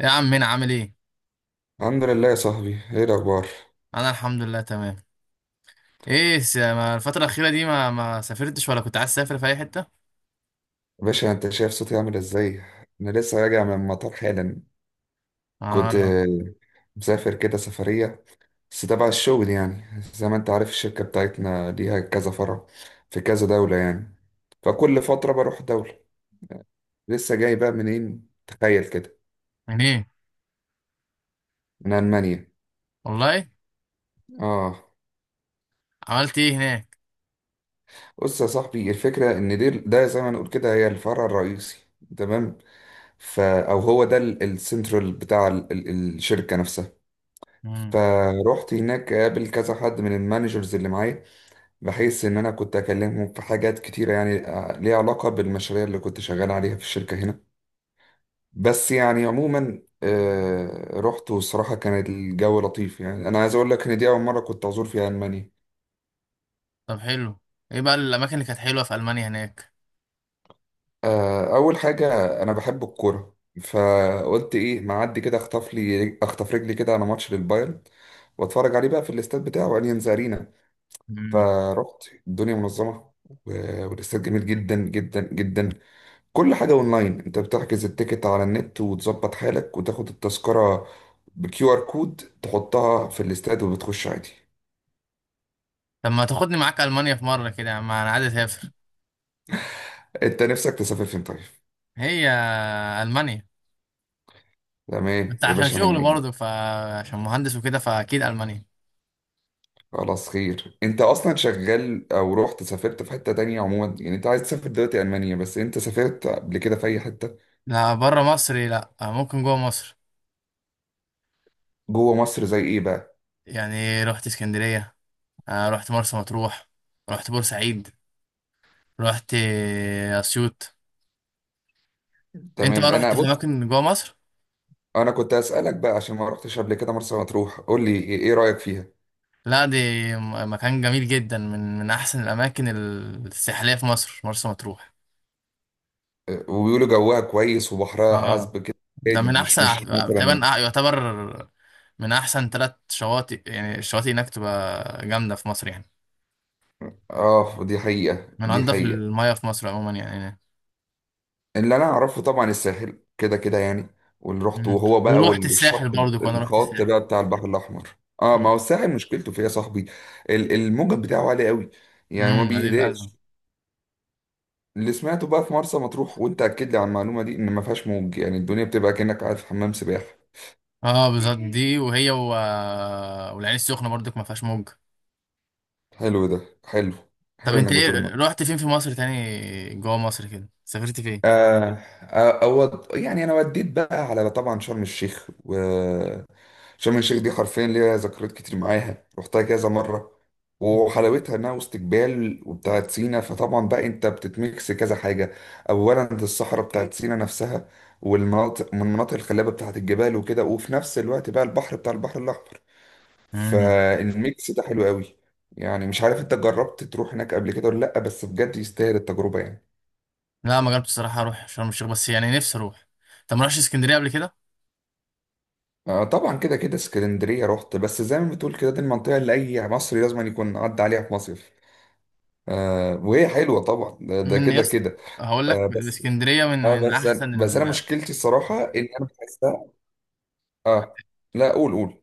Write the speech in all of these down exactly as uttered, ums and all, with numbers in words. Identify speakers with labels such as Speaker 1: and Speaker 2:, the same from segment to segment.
Speaker 1: يا عم هنا عامل ايه؟
Speaker 2: الحمد لله يا صاحبي، ايه الاخبار؟
Speaker 1: انا الحمد لله تمام. ايه س- ما الفتره الاخيره دي ما ما سافرتش ولا كنت عايز تسافر في اي حته؟
Speaker 2: باشا انت شايف صوتي عامل ازاي؟ انا لسه راجع من المطار حالا. كنت
Speaker 1: اه.
Speaker 2: آه، مسافر كده سفرية، بس تبع الشغل يعني. زي ما انت عارف الشركة بتاعتنا ليها كذا فرع في كذا دولة يعني، فكل فترة بروح دولة. لسه جاي بقى منين تخيل كده؟
Speaker 1: منين؟
Speaker 2: من ألمانيا.
Speaker 1: والله.
Speaker 2: اه.
Speaker 1: عملت ايه هناك؟
Speaker 2: بص يا صاحبي، الفكرة ان دي ده زي ما نقول كده هي الفرع الرئيسي. تمام. فا او هو ده ال- السنترال بتاع ال- ال- الشركة نفسها.
Speaker 1: امم.
Speaker 2: فروحت هناك قابل كذا حد من المانجرز اللي معايا، بحيث ان انا كنت اكلمهم في حاجات كتيرة يعني آه، ليها علاقة بالمشاريع اللي كنت شغال عليها في الشركة هنا. بس يعني عموما آه، رحت، والصراحة كان الجو لطيف، يعني انا عايز اقول لك ان دي اول مرة كنت ازور فيها المانيا.
Speaker 1: طب حلو. ايه بقى الاماكن اللي كانت حلوه في المانيا هناك؟
Speaker 2: آه، اول حاجة، انا بحب الكورة، فقلت ايه معدي كده اخطف لي اخطف رجلي كده على ماتش للبايرن واتفرج عليه بقى في الاستاد بتاعه اليانز ارينا.
Speaker 1: امم.
Speaker 2: فرحت الدنيا منظمة، و- والاستاد جميل جدا جدا جدا. كل حاجة اونلاين، انت بتحجز التيكت على النت وتظبط حالك وتاخد التذكرة بكيو ار كود، تحطها في الاستاد وبتخش عادي.
Speaker 1: طب ما تاخدني معاك المانيا في مره كده يا عم؟ انا عايز اسافر.
Speaker 2: انت نفسك تسافر فين طيب؟
Speaker 1: هي. المانيا.
Speaker 2: تمام
Speaker 1: بس
Speaker 2: يا
Speaker 1: عشان
Speaker 2: باشا، من
Speaker 1: شغل
Speaker 2: عيني.
Speaker 1: برضه، فعشان مهندس وكده فاكيد المانيا.
Speaker 2: خلاص خير، انت اصلا شغال او رحت سافرت في حتة تانية؟ عموما يعني انت عايز تسافر دلوقتي المانيا، بس انت سافرت قبل كده في اي حتة؟
Speaker 1: لا، بره مصر لا، ممكن جوه مصر.
Speaker 2: جوه مصر زي ايه بقى؟
Speaker 1: يعني رحت اسكندريه. آه، رحت مرسى مطروح. رحت بورسعيد. رحت اسيوط. انت بقى
Speaker 2: تمام، انا
Speaker 1: رحت في
Speaker 2: بص،
Speaker 1: اماكن جوه مصر؟
Speaker 2: انا كنت اسالك بقى عشان ما رحتش قبل كده مرسى مطروح، قول لي ايه إيه رايك فيها.
Speaker 1: لا دي م- مكان جميل جدا، من من احسن الاماكن الساحليه في مصر، مرسى مطروح.
Speaker 2: أه، وبيقولوا جوها كويس وبحرها
Speaker 1: اه،
Speaker 2: عذب كده.
Speaker 1: ده
Speaker 2: هادي
Speaker 1: من
Speaker 2: مش
Speaker 1: احسن،
Speaker 2: مش
Speaker 1: تقريبا
Speaker 2: مثلا؟
Speaker 1: يعتبر من احسن ثلاث شواطئ، يعني الشواطئ هناك تبقى جامده في مصر يعني.
Speaker 2: اه، دي حقيقه
Speaker 1: من
Speaker 2: دي
Speaker 1: انضف
Speaker 2: حقيقه.
Speaker 1: المياه في مصر عموما يعني هناك.
Speaker 2: اللي انا اعرفه طبعا الساحل كده كده يعني، واللي رحته
Speaker 1: مم.
Speaker 2: وهو بقى
Speaker 1: ورحت الساحل
Speaker 2: والشط،
Speaker 1: برضو، كنا رحت
Speaker 2: الخط
Speaker 1: الساحل.
Speaker 2: بقى بتاع البحر الاحمر. اه ما
Speaker 1: مم.
Speaker 2: هو الساحل مشكلته فيها يا صاحبي، ال- الموجة بتاعه عالي قوي، يعني ما
Speaker 1: امم دي الازمه.
Speaker 2: بيهداش. اللي سمعته بقى في مرسى مطروح، وانت اكد لي على المعلومه دي، ان ما فيهاش موج، يعني الدنيا بتبقى كانك قاعد في حمام سباحه.
Speaker 1: اه بالظبط دي، وهي و... والعين السخنه برضك ما فيهاش موج.
Speaker 2: حلو ده. حلو.
Speaker 1: طب
Speaker 2: حلو
Speaker 1: انت
Speaker 2: انك بتقول
Speaker 1: ايه،
Speaker 2: الموضوع.
Speaker 1: رحت فين في مصر تاني؟ جوه مصر كده سافرت فين؟
Speaker 2: آه آه، أود يعني انا وديت بقى على طبعا شرم الشيخ، وشرم الشيخ دي حرفيا ليها ذكريات كتير معاها، رحتها كذا مره. وحلاوتها انها وسط جبال وبتاعت سينا، فطبعا بقى انت بتتميكس كذا حاجه. اولا الصحراء بتاعت سينا نفسها، والمناطق من المناطق الخلابه بتاعت الجبال وكده، وفي نفس الوقت بقى البحر بتاع البحر الاحمر.
Speaker 1: مم.
Speaker 2: فالميكس ده حلو قوي. يعني مش عارف انت جربت تروح هناك قبل كده ولا لا، بس بجد يستاهل التجربة يعني.
Speaker 1: لا، ما جربتش الصراحه اروح شرم الشيخ، بس يعني نفسي اروح. طب ما رحتش اسكندريه قبل كده؟
Speaker 2: آه طبعا كده كده اسكندرية رحت، بس زي ما بتقول كده دي المنطقة اللي أي مصري لازم يكون عدى عليها في مصيف. آه وهي حلوة طبعا، ده ده
Speaker 1: من
Speaker 2: كده
Speaker 1: يس
Speaker 2: كده.
Speaker 1: هقول لك،
Speaker 2: آه بس،
Speaker 1: اسكندريه من
Speaker 2: اه
Speaker 1: من
Speaker 2: بس، أنا
Speaker 1: احسن
Speaker 2: بس أنا
Speaker 1: ال...
Speaker 2: مشكلتي الصراحة إن أنا بحسها. اه. لا قول قول.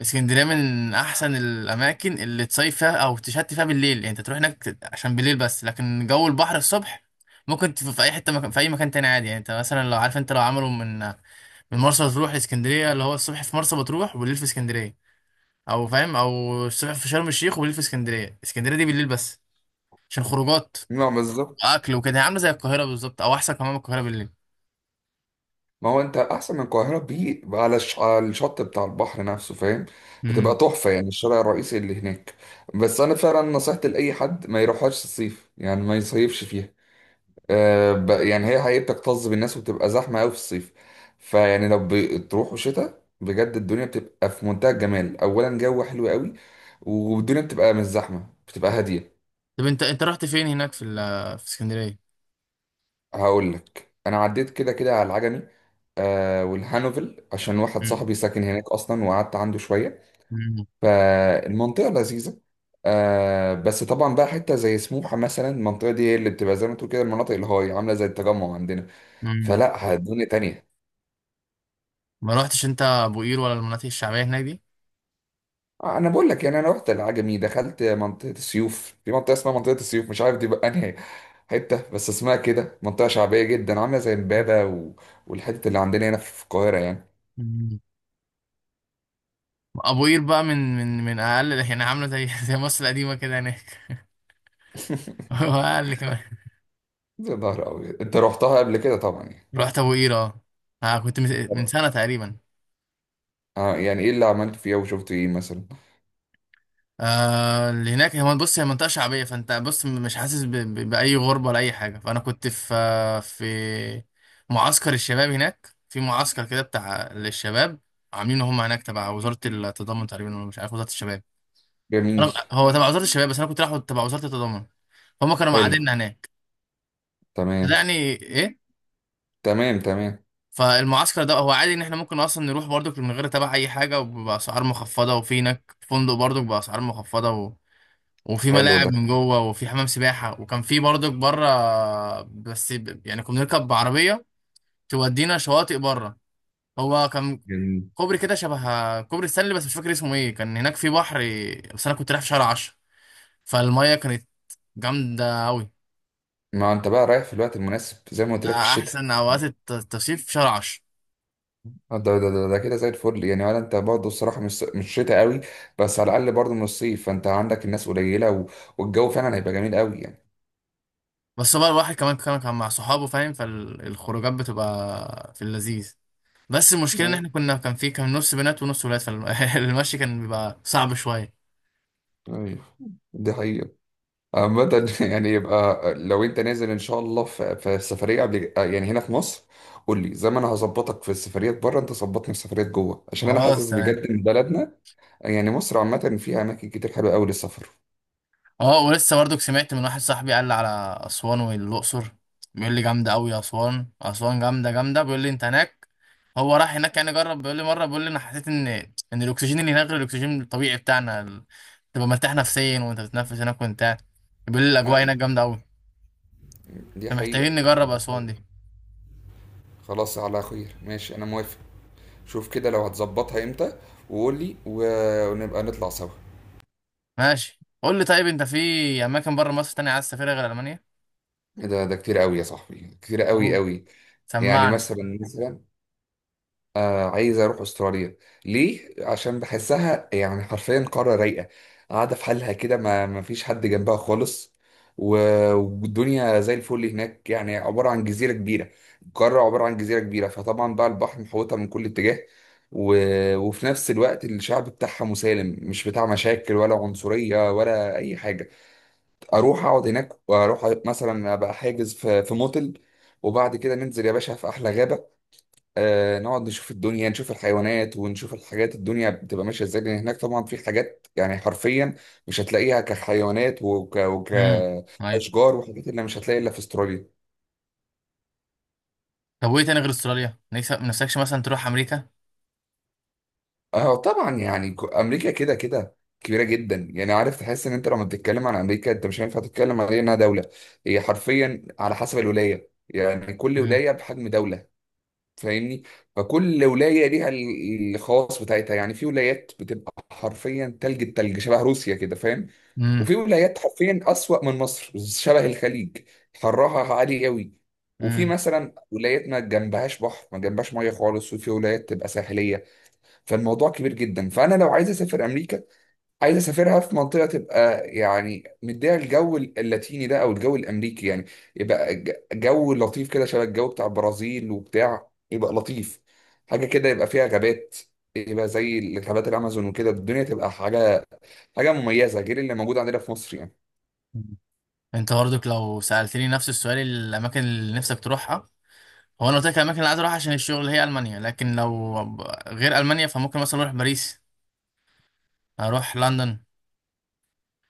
Speaker 1: اسكندريه من احسن الاماكن اللي تصيف فيها او تشتي فيها بالليل، يعني انت تروح هناك ت- عشان بالليل بس، لكن جو البحر الصبح ممكن تف- في اي حته، مكان في اي مكان تاني عادي، يعني انت مثلا لو عارف، انت لو عملوا من من مرسى مطروح لاسكندريه، اللي هو الصبح في مرسى مطروح وبالليل في اسكندريه، او فاهم، او الصبح في شرم الشيخ وبالليل في اسكندريه. اسكندريه دي بالليل بس، عشان خروجات
Speaker 2: نعم بالظبط.
Speaker 1: واكل وكده، هي عامله زي القاهره بالظبط، او احسن كمان من القاهره بالليل.
Speaker 2: ما هو انت احسن من القاهره بيه على الش- على الشط بتاع البحر نفسه فاهم.
Speaker 1: امم
Speaker 2: بتبقى تحفه يعني الشارع الرئيسي اللي هناك. بس انا فعلا نصيحتي لاي حد ما يروحهاش الصيف، يعني ما يصيفش فيها. آه ب- يعني هي حقيقة بتكتظ بالناس وبتبقى زحمه قوي في الصيف. فيعني لو ب- تروحوا شتاء بجد الدنيا بتبقى في منتهى الجمال، اولا جو حلو قوي، والدنيا بتبقى مش زحمه، بتبقى هاديه.
Speaker 1: طب انت انت رحت فين هناك في ال- في اسكندريه؟
Speaker 2: هقول لك انا عديت كده كده على العجمي، آه والهانوفل، عشان واحد
Speaker 1: امم،
Speaker 2: صاحبي ساكن هناك اصلا وقعدت عنده شويه.
Speaker 1: امم،
Speaker 2: فالمنطقة لذيذة. آه بس طبعا بقى حتة زي سموحة مثلا، المنطقة دي هي اللي بتبقى زي ما تقول كده المناطق الهاي، عاملة زي التجمع عندنا.
Speaker 1: امم.
Speaker 2: فلا اه الدنيا تانية.
Speaker 1: ما رحتش انت ابو قير ولا المناطق الشعبيه هناك دي؟
Speaker 2: آه، انا بقول لك، يعني انا رحت العجمي، دخلت منطقة السيوف، في منطقة اسمها منطقة السيوف مش عارف دي بقى انهي حتة، بس اسمها كده منطقة شعبية جدا، عاملة زي امبابة و... والحتة اللي عندنا هنا في القاهرة يعني.
Speaker 1: أمم. ابو قير بقى من من من اقل، يعني عامله زي زي مصر القديمه كده هناك. واقل كمان.
Speaker 2: يا نهار أبيض، أنت رحتها قبل كده طبعا يعني.
Speaker 1: رحت ابو قير، اه. آه، كنت من من
Speaker 2: طب
Speaker 1: سنه تقريبا.
Speaker 2: آه يعني إيه اللي عملت فيها وشفت إيه مثلا؟
Speaker 1: آه اللي هناك، هو بص هي منطقة شعبية، فانت بص مش حاسس ب... ب... بأي غربة ولا أي حاجة، فأنا كنت في آه، في معسكر الشباب هناك، في معسكر كده بتاع للشباب، عاملينه هم هناك تبع وزارة التضامن تقريبا، ولا مش عارف، وزارة الشباب.
Speaker 2: جميل.
Speaker 1: أنا... هو تبع وزارة الشباب، بس أنا كنت رايح تبع وزارة التضامن، هم كانوا
Speaker 2: حلو.
Speaker 1: مقعديننا هناك. فده
Speaker 2: تمام.
Speaker 1: يعني إيه.
Speaker 2: تمام تمام.
Speaker 1: فالمعسكر ده هو عادي إن إحنا ممكن أصلا نروح برضك من غير تبع أي حاجة، وبأسعار مخفضة، وفي هناك فندق برضك بأسعار مخفضة، وفي
Speaker 2: حلو
Speaker 1: ملاعب
Speaker 2: ده.
Speaker 1: من جوه، وفي حمام سباحه، وكان في برضك بره. بس ب- يعني كنا بنركب بعربيه تودينا شواطئ بره، هو كان
Speaker 2: يعني
Speaker 1: كوبري كده شبه كوبري ستانلي، بس مش فاكر اسمه ايه، كان هناك في بحر. بس انا كنت رايح في شهر عشرة، فالميه كانت جامده قوي.
Speaker 2: ما انت بقى رايح في الوقت المناسب، زي ما قلت لك، في الشتاء.
Speaker 1: احسن اوقات الت- التصيف في شهر عشرة.
Speaker 2: آه، ده ده ده, ده كده زي الفل يعني، ولا انت برضه الصراحه مش مش شتاء قوي، بس على الاقل برضه من الصيف، فانت عندك الناس قليله و... والجو فعلا هيبقى جميل قوي يعني.
Speaker 1: بس هو بقى الواحد كمان كان كان مع صحابه فاهم، فالخروجات بتبقى في اللذيذ. بس المشكله ان
Speaker 2: ايوه،
Speaker 1: احنا كنا كان في كان نص بنات ونص ولاد، فالمشي كان بيبقى صعب شويه.
Speaker 2: ايوه، دي حقيقه. عامة. يعني يبقى لو انت نازل ان شاء الله في, في سفريه قبل آه، يعني هنا في مصر، قول لي، زي ما انا هظبطك في السفريات بره انت ظبطني في السفريات جوه، عشان انا
Speaker 1: خلاص
Speaker 2: حاسس بجد
Speaker 1: تمام.
Speaker 2: ان بلدنا يعني مصر عامه فيها اماكن كتير حلوه قوي للسفر.
Speaker 1: اه، ولسه برضك سمعت من واحد صاحبي قال لي على اسوان والاقصر. بيقول لي جامده قوي، اسوان، اسوان جامده جامده، بيقول لي انت هناك، هو راح هناك يعني جرب، بيقول لي مره، بيقول لي انا حسيت ان ان الاكسجين اللي هناك غير الاكسجين الطبيعي بتاعنا ال- تبقى مرتاح نفسيا وانت بتتنفس هناك وانت قاعد. بيقول لي الاجواء هناك
Speaker 2: أيوة.
Speaker 1: جامده قوي.
Speaker 2: دي حقيقة.
Speaker 1: فمحتاجين نجرب
Speaker 2: دي
Speaker 1: اسوان دي.
Speaker 2: حقيقة. خلاص على خير، ماشي، انا موافق. شوف كده لو هتظبطها امتى، وقول لي و- ونبقى نطلع سوا.
Speaker 1: ماشي، قول لي طيب، انت في اماكن بره مصر تانية عايز تسافرها غير المانيا؟
Speaker 2: إيه ده، ده كتير قوي يا صاحبي، كتير
Speaker 1: اوه،
Speaker 2: قوي قوي. يعني
Speaker 1: سمعني.
Speaker 2: مثلا مثلا، آه عايز اروح استراليا. ليه؟ عشان بحسها يعني حرفيا قاره رايقه قاعده في حالها كده، ما ما فيش حد جنبها خالص، و- والدنيا زي الفل هناك. يعني عباره عن جزيره كبيره، قاره عباره عن جزيره كبيره، فطبعا بقى البحر محوطها من كل اتجاه، و... وفي نفس الوقت الشعب بتاعها مسالم، مش بتاع مشاكل ولا عنصريه ولا اي حاجه. اروح اقعد هناك، واروح مثلا ابقى حاجز في في موتل، وبعد كده ننزل يا باشا في احلى غابه. آه نقعد نشوف الدنيا، نشوف الحيوانات، ونشوف الحاجات، الدنيا بتبقى ماشية ازاي، لان هناك طبعا في حاجات يعني حرفيا مش هتلاقيها كحيوانات وك
Speaker 1: امم. ايوه.
Speaker 2: وكأشجار، وحاجات اللي مش هتلاقي الا في استراليا.
Speaker 1: طب وايه تاني غير استراليا؟ نفسك، نفسكش مثلا تروح امريكا؟
Speaker 2: اه طبعا، يعني ك- امريكا كده كده كبيرة جدا، يعني عارف تحس ان انت لما بتتكلم عن امريكا انت مش هينفع تتكلم عليها انها دولة. هي حرفيا على حسب الولاية، يعني كل ولاية بحجم دولة، فاهمني؟ فكل ولايه ليها ال- الخواص بتاعتها، يعني في ولايات بتبقى حرفيا تلج، التلج شبه روسيا كده فاهم.
Speaker 1: امم.
Speaker 2: وفي ولايات حرفيا اسوأ من مصر، شبه الخليج، حرها عالي قوي. وفي
Speaker 1: امم.
Speaker 2: مثلا ولايات ما جنبهاش بحر، ما جنبهاش ميه خالص، وفي ولايات تبقى ساحليه. فالموضوع كبير جدا، فانا لو عايز اسافر امريكا عايز اسافرها في منطقه تبقى يعني مديها الجو اللاتيني ده او الجو الامريكي يعني. يبقى ج- جو لطيف كده، شبه الجو بتاع البرازيل وبتاع، يبقى لطيف. حاجه كده يبقى فيها غابات، يبقى زي غابات الامازون وكده، الدنيا تبقى حاجه حاجه مميزه غير اللي موجود عندنا في مصر يعني.
Speaker 1: انت برضك لو سألتني نفس السؤال، الأماكن اللي نفسك تروحها، هو أنا قلت لك الأماكن اللي عايز أروحها عشان الشغل هي ألمانيا، لكن لو غير ألمانيا فممكن مثلا أروح باريس، أروح لندن،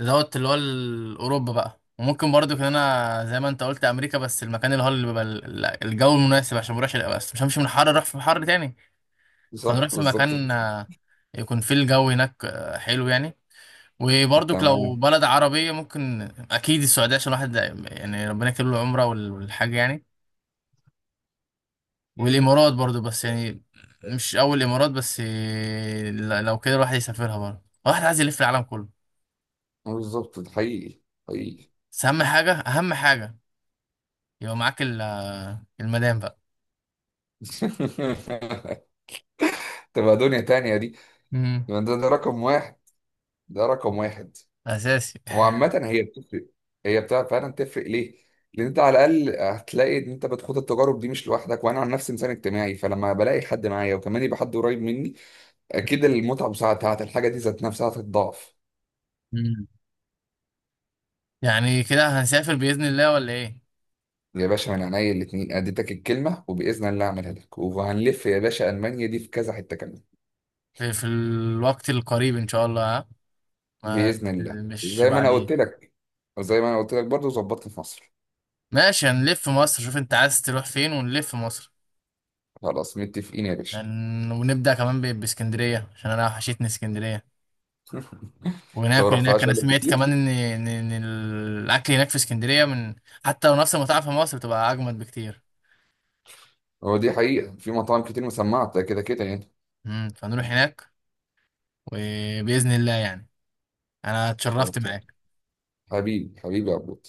Speaker 1: دوت اللي هو ال- أوروبا بقى، وممكن برضو كان أنا زي ما أنت قلت أمريكا، بس المكان اللي هو اللي بيبقى ال- الجو المناسب، عشان مروحش، بس مش همشي من حر أروح في حر تاني. فنروح
Speaker 2: صح
Speaker 1: في
Speaker 2: بالظبط كده.
Speaker 1: مكان، آه، يكون فيه الجو هناك آه، حلو يعني. وبرضك لو
Speaker 2: تمام.
Speaker 1: بلد عربية ممكن، أكيد السعودية، عشان الواحد يعني ربنا يكتب له العمرة وال- والحاج يعني، والامارات برضو، بس يعني مش اول الامارات بس، إيه، ل- لو كده الواحد يسافرها برضو، الواحد عايز يلف العالم كله.
Speaker 2: بالظبط، ده حقيقي. حقيقي.
Speaker 1: بس اهم حاجه، اهم حاجه يبقى معاك ال- المدام بقى.
Speaker 2: تبقى دنيا تانية دي.
Speaker 1: امم.
Speaker 2: ده, ده رقم واحد، ده رقم واحد.
Speaker 1: اساسي.
Speaker 2: وعامة هي بتفرق، هي بتاع فعلا تفرق ليه؟ لأن أنت على الأقل هتلاقي إن أنت بتخوض التجارب دي مش لوحدك، وأنا عن نفسي إنسان اجتماعي فلما بلاقي حد معايا وكمان يبقى حد قريب مني أكيد المتعة بساعتها الحاجة دي ذات نفسها هتتضاعف.
Speaker 1: مم. يعني كده هنسافر باذن الله ولا ايه؟
Speaker 2: يا باشا من عينيا الاتنين، أديتك الكلمة وبإذن الله أعملها لك، وهنلف يا باشا ألمانيا دي في كذا حتة كمان.
Speaker 1: في, في الوقت القريب ان شاء الله، ها ما
Speaker 2: بإذن الله،
Speaker 1: مش
Speaker 2: زي ما أنا
Speaker 1: بعدين.
Speaker 2: قلت لك، وزي ما أنا قلت لك برضه ظبطت في مصر.
Speaker 1: ماشي، هنلف مصر، شوف انت عايز تروح فين ونلف مصر.
Speaker 2: خلاص متفقين يا باشا.
Speaker 1: هن- ونبدا كمان ب- باسكندريه عشان انا وحشتني اسكندريه،
Speaker 2: أنت ما
Speaker 1: وناكل هناك.
Speaker 2: رحتهاش
Speaker 1: انا
Speaker 2: بقالك
Speaker 1: سمعت كمان
Speaker 2: كتير.
Speaker 1: ان ان إن الاكل هناك في اسكندريه من، حتى لو نفس المطاعم في مصر، بتبقى اجمد بكتير.
Speaker 2: هو دي حقيقة في مطاعم كتير مسمعة ده كده كده يعني.
Speaker 1: امم فنروح هناك، وباذن الله يعني. انا اتشرفت
Speaker 2: خلاص.
Speaker 1: معاك.
Speaker 2: حبيبي، حبيبي يا عبود.